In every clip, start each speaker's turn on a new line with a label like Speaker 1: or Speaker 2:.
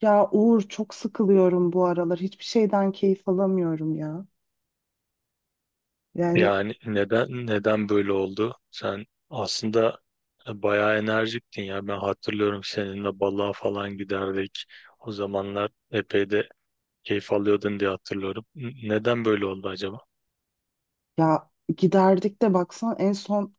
Speaker 1: Ya Uğur, çok sıkılıyorum bu aralar. Hiçbir şeyden keyif alamıyorum ya. Yani
Speaker 2: Yani neden böyle oldu? Sen aslında bayağı enerjiktin ya. Ben hatırlıyorum seninle balığa falan giderdik. O zamanlar epey de keyif alıyordun diye hatırlıyorum. Neden böyle oldu acaba?
Speaker 1: ya giderdik de baksan en son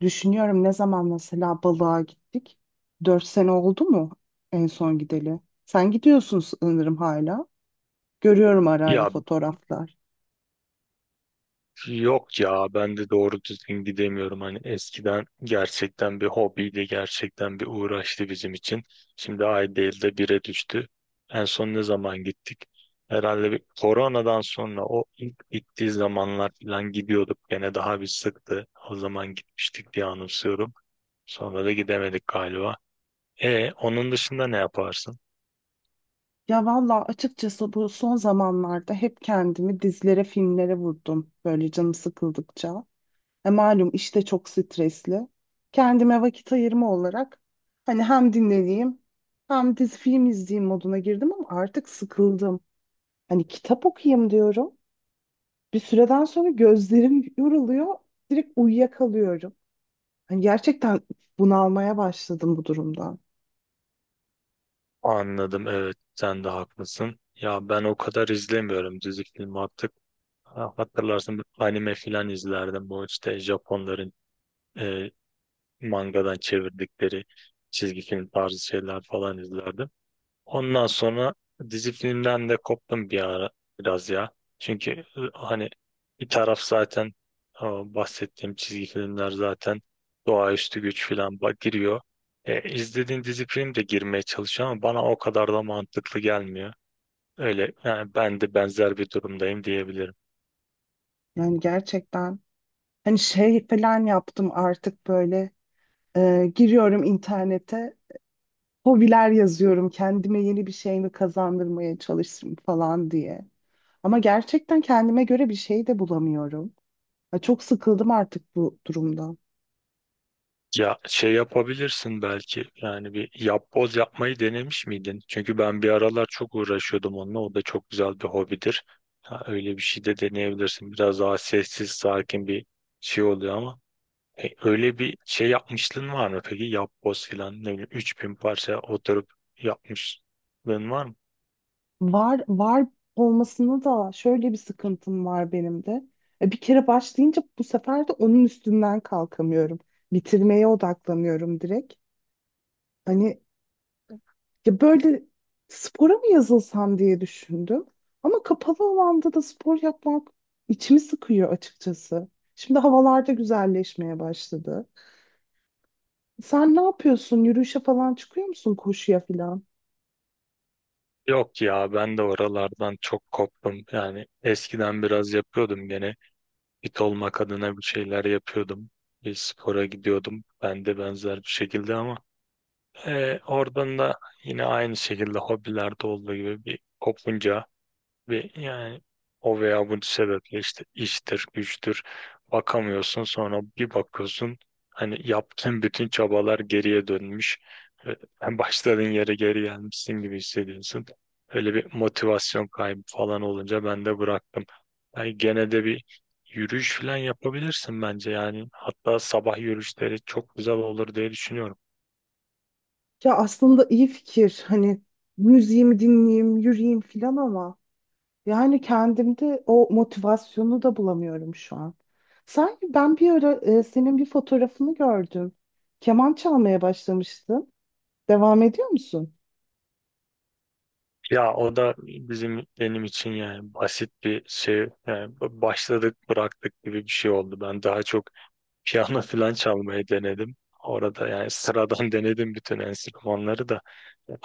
Speaker 1: düşünüyorum ne zaman mesela balığa gittik. 4 sene oldu mu en son gideli? Sen gidiyorsun sanırım hala. Görüyorum ara ara
Speaker 2: Ya
Speaker 1: fotoğraflar.
Speaker 2: Yok ya ben de doğru düzgün gidemiyorum. Hani eskiden gerçekten bir hobiydi, gerçekten bir uğraştı bizim için. Şimdi ay değil de bire düştü. En son ne zaman gittik? Herhalde bir koronadan sonra o ilk bittiği zamanlar falan gidiyorduk. Gene daha bir sıktı. O zaman gitmiştik diye anımsıyorum. Sonra da gidemedik galiba. E onun dışında ne yaparsın?
Speaker 1: Ya valla açıkçası bu son zamanlarda hep kendimi dizlere, filmlere vurdum. Böyle canım sıkıldıkça. Malum işte, çok stresli. Kendime vakit ayırma olarak hani hem dinleneyim hem dizi film izleyeyim moduna girdim ama artık sıkıldım. Hani kitap okuyayım diyorum. Bir süreden sonra gözlerim yoruluyor. Direkt uyuyakalıyorum. Hani gerçekten bunalmaya başladım bu durumdan.
Speaker 2: Anladım, evet, sen de haklısın. Ya ben o kadar izlemiyorum dizi film artık. Ha, hatırlarsın anime filan izlerdim. Bu işte Japonların e, mangadan çevirdikleri çizgi film tarzı şeyler falan izlerdim. Ondan sonra dizi filmden de koptum bir ara biraz ya. Çünkü hani bir taraf zaten o bahsettiğim çizgi filmler zaten doğaüstü güç filan giriyor. E, izlediğin dizi film de girmeye çalışıyor ama bana o kadar da mantıklı gelmiyor. Öyle yani ben de benzer bir durumdayım diyebilirim.
Speaker 1: Yani gerçekten hani şey falan yaptım artık böyle, giriyorum internete, hobiler yazıyorum. Kendime yeni bir şey mi kazandırmaya çalışırım falan diye. Ama gerçekten kendime göre bir şey de bulamıyorum. Ya çok sıkıldım artık bu durumdan.
Speaker 2: Ya şey yapabilirsin belki yani bir yapboz yapmayı denemiş miydin? Çünkü ben bir aralar çok uğraşıyordum onunla. O da çok güzel bir hobidir. Ha, öyle bir şey de deneyebilirsin. Biraz daha sessiz, sakin bir şey oluyor ama E, öyle bir şey yapmışlığın var mı peki? Yapboz filan ne bileyim 3000 parça oturup yapmışlığın var mı?
Speaker 1: Var var olmasına da şöyle bir sıkıntım var benim de. Bir kere başlayınca bu sefer de onun üstünden kalkamıyorum. Bitirmeye odaklanıyorum direkt. Hani ya böyle spora mı yazılsam diye düşündüm. Ama kapalı alanda da spor yapmak içimi sıkıyor açıkçası. Şimdi havalarda güzelleşmeye başladı. Sen ne yapıyorsun? Yürüyüşe falan çıkıyor musun? Koşuya falan?
Speaker 2: Yok ya ben de oralardan çok koptum. Yani eskiden biraz yapıyordum gene. Fit olmak adına bir şeyler yapıyordum. Bir spora gidiyordum. Ben de benzer bir şekilde ama oradan da yine aynı şekilde hobilerde olduğu gibi bir kopunca ve yani o veya bu sebeple işte iştir, güçtür bakamıyorsun. Sonra bir bakıyorsun hani yaptığın bütün çabalar geriye dönmüş. Hem başladığın yere geri gelmişsin gibi hissediyorsun. Öyle bir motivasyon kaybı falan olunca ben de bıraktım. Yani gene de bir yürüyüş falan yapabilirsin bence yani. Hatta sabah yürüyüşleri çok güzel olur diye düşünüyorum.
Speaker 1: Ya aslında iyi fikir. Hani müziğimi dinleyeyim, yürüyeyim falan ama yani kendimde o motivasyonu da bulamıyorum şu an. Sanki ben bir ara senin bir fotoğrafını gördüm. Keman çalmaya başlamıştın. Devam ediyor musun?
Speaker 2: Ya o da benim için yani basit bir şey, yani başladık bıraktık gibi bir şey oldu. Ben daha çok piyano falan çalmayı denedim. Orada yani sıradan denedim bütün enstrümanları da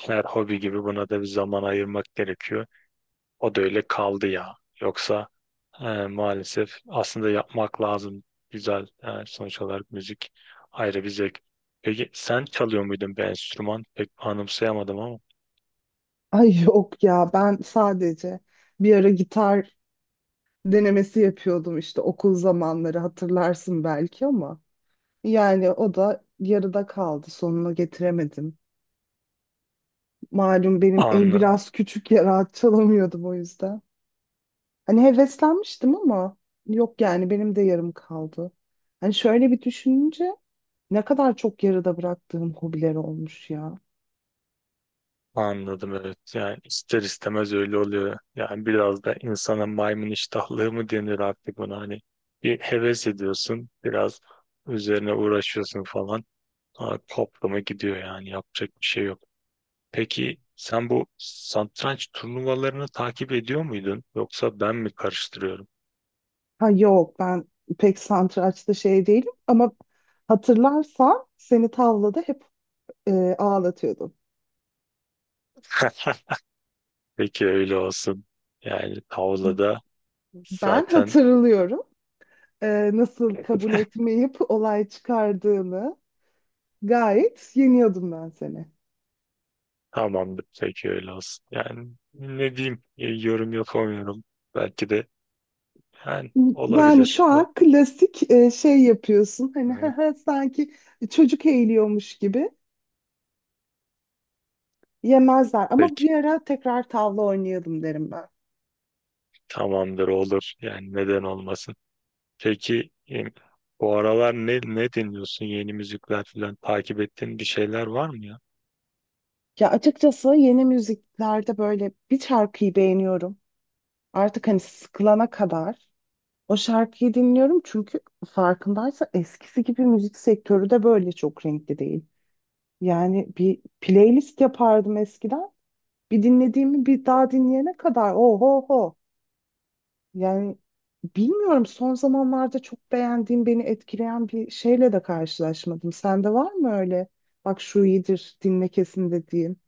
Speaker 2: her hobi gibi buna da bir zaman ayırmak gerekiyor. O da öyle kaldı ya. Yoksa maalesef aslında yapmak lazım. Güzel, sonuç olarak müzik ayrı bir zevk. Peki sen çalıyor muydun bir enstrüman? Pek anımsayamadım ama.
Speaker 1: Ay yok ya, ben sadece bir ara gitar denemesi yapıyordum işte, okul zamanları hatırlarsın belki ama yani o da yarıda kaldı, sonuna getiremedim. Malum benim el
Speaker 2: Anladım.
Speaker 1: biraz küçük ya, rahat çalamıyordum o yüzden. Hani heveslenmiştim ama yok, yani benim de yarım kaldı. Hani şöyle bir düşününce ne kadar çok yarıda bıraktığım hobiler olmuş ya.
Speaker 2: Anladım, evet. Yani ister istemez öyle oluyor. Yani biraz da insana maymun iştahlığı mı denir artık buna, hani bir heves ediyorsun biraz, üzerine uğraşıyorsun falan. Sonra toplama gidiyor yani yapacak bir şey yok. Peki sen bu satranç turnuvalarını takip ediyor muydun yoksa ben mi karıştırıyorum?
Speaker 1: Ha yok, ben pek satrançta şey değilim ama hatırlarsan seni tavlada hep ağlatıyordum.
Speaker 2: Peki öyle olsun. Yani tavlada
Speaker 1: Ben
Speaker 2: zaten
Speaker 1: hatırlıyorum nasıl kabul etmeyip olay çıkardığını, gayet yeniyordum ben seni.
Speaker 2: tamamdır. Peki öyle olsun. Yani ne diyeyim, yorum yapamıyorum. Belki de yani
Speaker 1: Yani
Speaker 2: olabilir.
Speaker 1: şu
Speaker 2: Ha,
Speaker 1: an klasik şey yapıyorsun. Hani hı
Speaker 2: hı.
Speaker 1: hı, sanki çocuk eğiliyormuş gibi, yemezler. Ama
Speaker 2: Peki
Speaker 1: bir ara tekrar tavla oynayalım derim ben.
Speaker 2: tamamdır, olur. Yani neden olmasın. Peki bu aralar ne dinliyorsun? Yeni müzikler falan takip ettiğin bir şeyler var mı ya?
Speaker 1: Ya açıkçası yeni müziklerde böyle bir şarkıyı beğeniyorum. Artık hani sıkılana kadar o şarkıyı dinliyorum. Çünkü farkındaysa eskisi gibi müzik sektörü de böyle çok renkli değil. Yani bir playlist yapardım eskiden. Bir dinlediğimi bir daha dinleyene kadar oho ho. Yani bilmiyorum, son zamanlarda çok beğendiğim, beni etkileyen bir şeyle de karşılaşmadım. Sende var mı öyle? Bak şu iyidir, dinle kesin dediğin.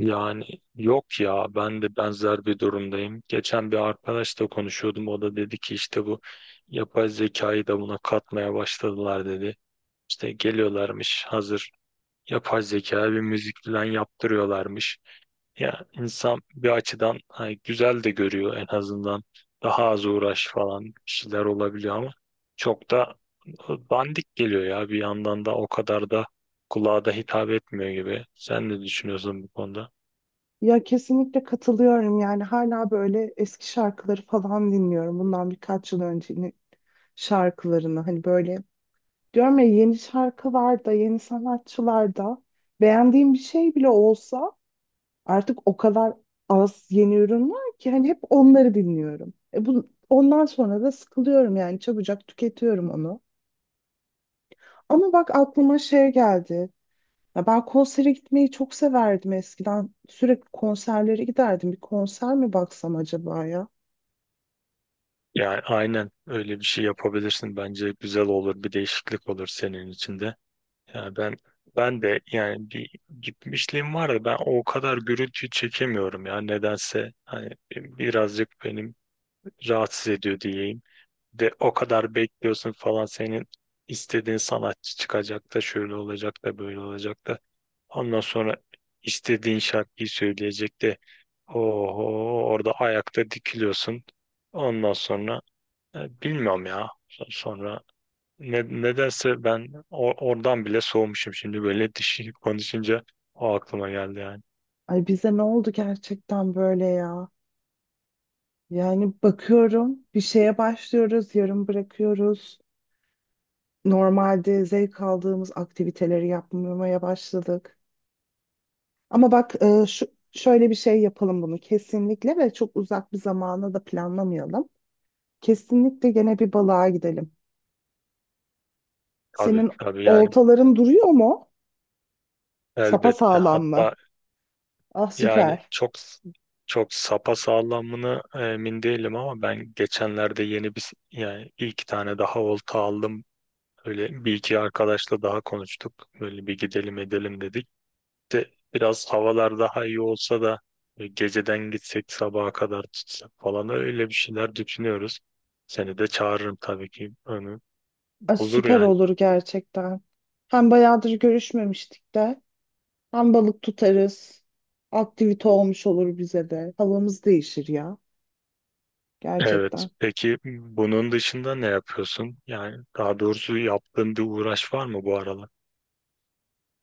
Speaker 2: Yani yok ya ben de benzer bir durumdayım. Geçen bir arkadaşla konuşuyordum. O da dedi ki işte bu yapay zekayı da buna katmaya başladılar dedi. İşte geliyorlarmış hazır yapay zekaya bir müzik falan yaptırıyorlarmış. Ya insan bir açıdan hani güzel de görüyor en azından. Daha az uğraş falan bir şeyler olabiliyor ama çok da bandik geliyor ya, bir yandan da o kadar da kulağa da hitap etmiyor gibi. Sen ne düşünüyorsun bu konuda?
Speaker 1: Ya kesinlikle katılıyorum, yani hala böyle eski şarkıları falan dinliyorum. Bundan birkaç yıl öncenin şarkılarını hani böyle, diyorum ya yeni şarkılar da yeni sanatçılar da beğendiğim bir şey bile olsa artık o kadar az yeni ürün var ki hani hep onları dinliyorum. Bu, ondan sonra da sıkılıyorum, yani çabucak tüketiyorum onu. Ama bak aklıma şey geldi. Ya ben konsere gitmeyi çok severdim eskiden. Sürekli konserlere giderdim. Bir konser mi baksam acaba ya?
Speaker 2: Yani aynen öyle bir şey yapabilirsin. Bence güzel olur. Bir değişiklik olur senin için de. Yani ben de yani bir gitmişliğim var da ben o kadar gürültü çekemiyorum ya nedense, hani birazcık benim rahatsız ediyor diyeyim. De o kadar bekliyorsun falan, senin istediğin sanatçı çıkacak da şöyle olacak da böyle olacak da ondan sonra istediğin şarkıyı söyleyecek de oho, orada ayakta dikiliyorsun, ondan sonra bilmiyorum ya sonra nedense ben oradan bile soğumuşum şimdi böyle dişi konuşunca o aklıma geldi yani.
Speaker 1: Ay bize ne oldu gerçekten böyle ya? Yani bakıyorum bir şeye başlıyoruz, yarım bırakıyoruz. Normalde zevk aldığımız aktiviteleri yapmamaya başladık. Ama bak, şu, şöyle bir şey yapalım bunu kesinlikle ve çok uzak bir zamana da planlamayalım. Kesinlikle gene bir balığa gidelim.
Speaker 2: Tabii
Speaker 1: Senin
Speaker 2: tabii yani
Speaker 1: oltaların duruyor mu? Sapa
Speaker 2: elbette,
Speaker 1: sağlam mı?
Speaker 2: hatta
Speaker 1: Ah
Speaker 2: yani
Speaker 1: süper.
Speaker 2: çok sapasağlamını emin değilim ama ben geçenlerde yeni bir, yani bir iki tane daha olta aldım. Öyle bir iki arkadaşla daha konuştuk. Böyle bir gidelim edelim dedik. De biraz havalar daha iyi olsa da geceden gitsek sabaha kadar tutsak falan öyle bir şeyler düşünüyoruz. Seni de çağırırım tabii ki. Onu,
Speaker 1: Ah,
Speaker 2: olur
Speaker 1: süper
Speaker 2: yani.
Speaker 1: olur gerçekten. Hem bayağıdır görüşmemiştik de hem balık tutarız. Aktivite olmuş olur bize de. Havamız değişir ya
Speaker 2: Evet.
Speaker 1: gerçekten.
Speaker 2: Peki bunun dışında ne yapıyorsun? Yani daha doğrusu yaptığın bir uğraş var mı bu aralar?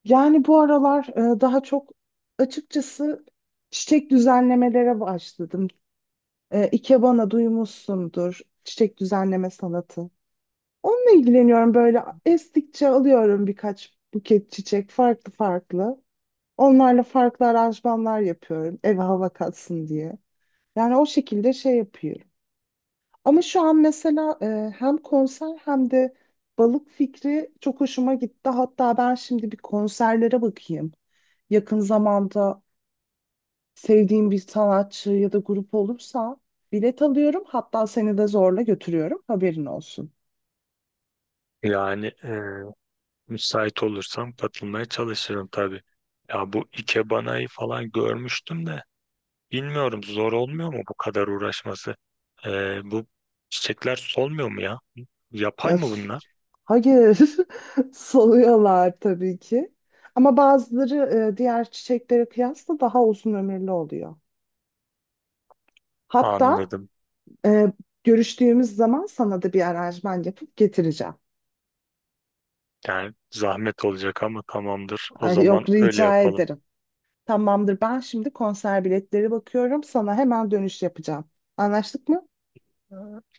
Speaker 1: Yani bu aralar daha çok açıkçası çiçek düzenlemelere başladım. E, ikebana duymuşsundur. Çiçek düzenleme sanatı. Onunla ilgileniyorum, böyle estikçe alıyorum birkaç buket çiçek, farklı farklı. Onlarla farklı aranjmanlar yapıyorum eve hava katsın diye. Yani o şekilde şey yapıyorum. Ama şu an mesela hem konser hem de balık fikri çok hoşuma gitti. Hatta ben şimdi bir konserlere bakayım. Yakın zamanda sevdiğim bir sanatçı ya da grup olursa bilet alıyorum. Hatta seni de zorla götürüyorum. Haberin olsun.
Speaker 2: Yani müsait olursam katılmaya çalışırım tabii. Ya bu ikebana'yı falan görmüştüm de bilmiyorum zor olmuyor mu bu kadar uğraşması? E, bu çiçekler solmuyor mu ya?
Speaker 1: Ya,
Speaker 2: Yapay mı bunlar?
Speaker 1: hayır, soluyorlar tabii ki. Ama bazıları diğer çiçeklere kıyasla daha uzun ömürlü oluyor. Hatta
Speaker 2: Anladım.
Speaker 1: Ee, görüştüğümüz zaman sana da bir aranjman yapıp getireceğim.
Speaker 2: Yani zahmet olacak ama tamamdır. O
Speaker 1: Ay
Speaker 2: zaman
Speaker 1: yok,
Speaker 2: öyle
Speaker 1: rica
Speaker 2: yapalım.
Speaker 1: ederim. Tamamdır, ben şimdi konser biletleri bakıyorum. Sana hemen dönüş yapacağım. Anlaştık mı?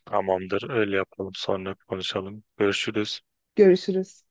Speaker 2: Tamamdır, öyle yapalım. Sonra konuşalım. Görüşürüz.
Speaker 1: Görüşürüz.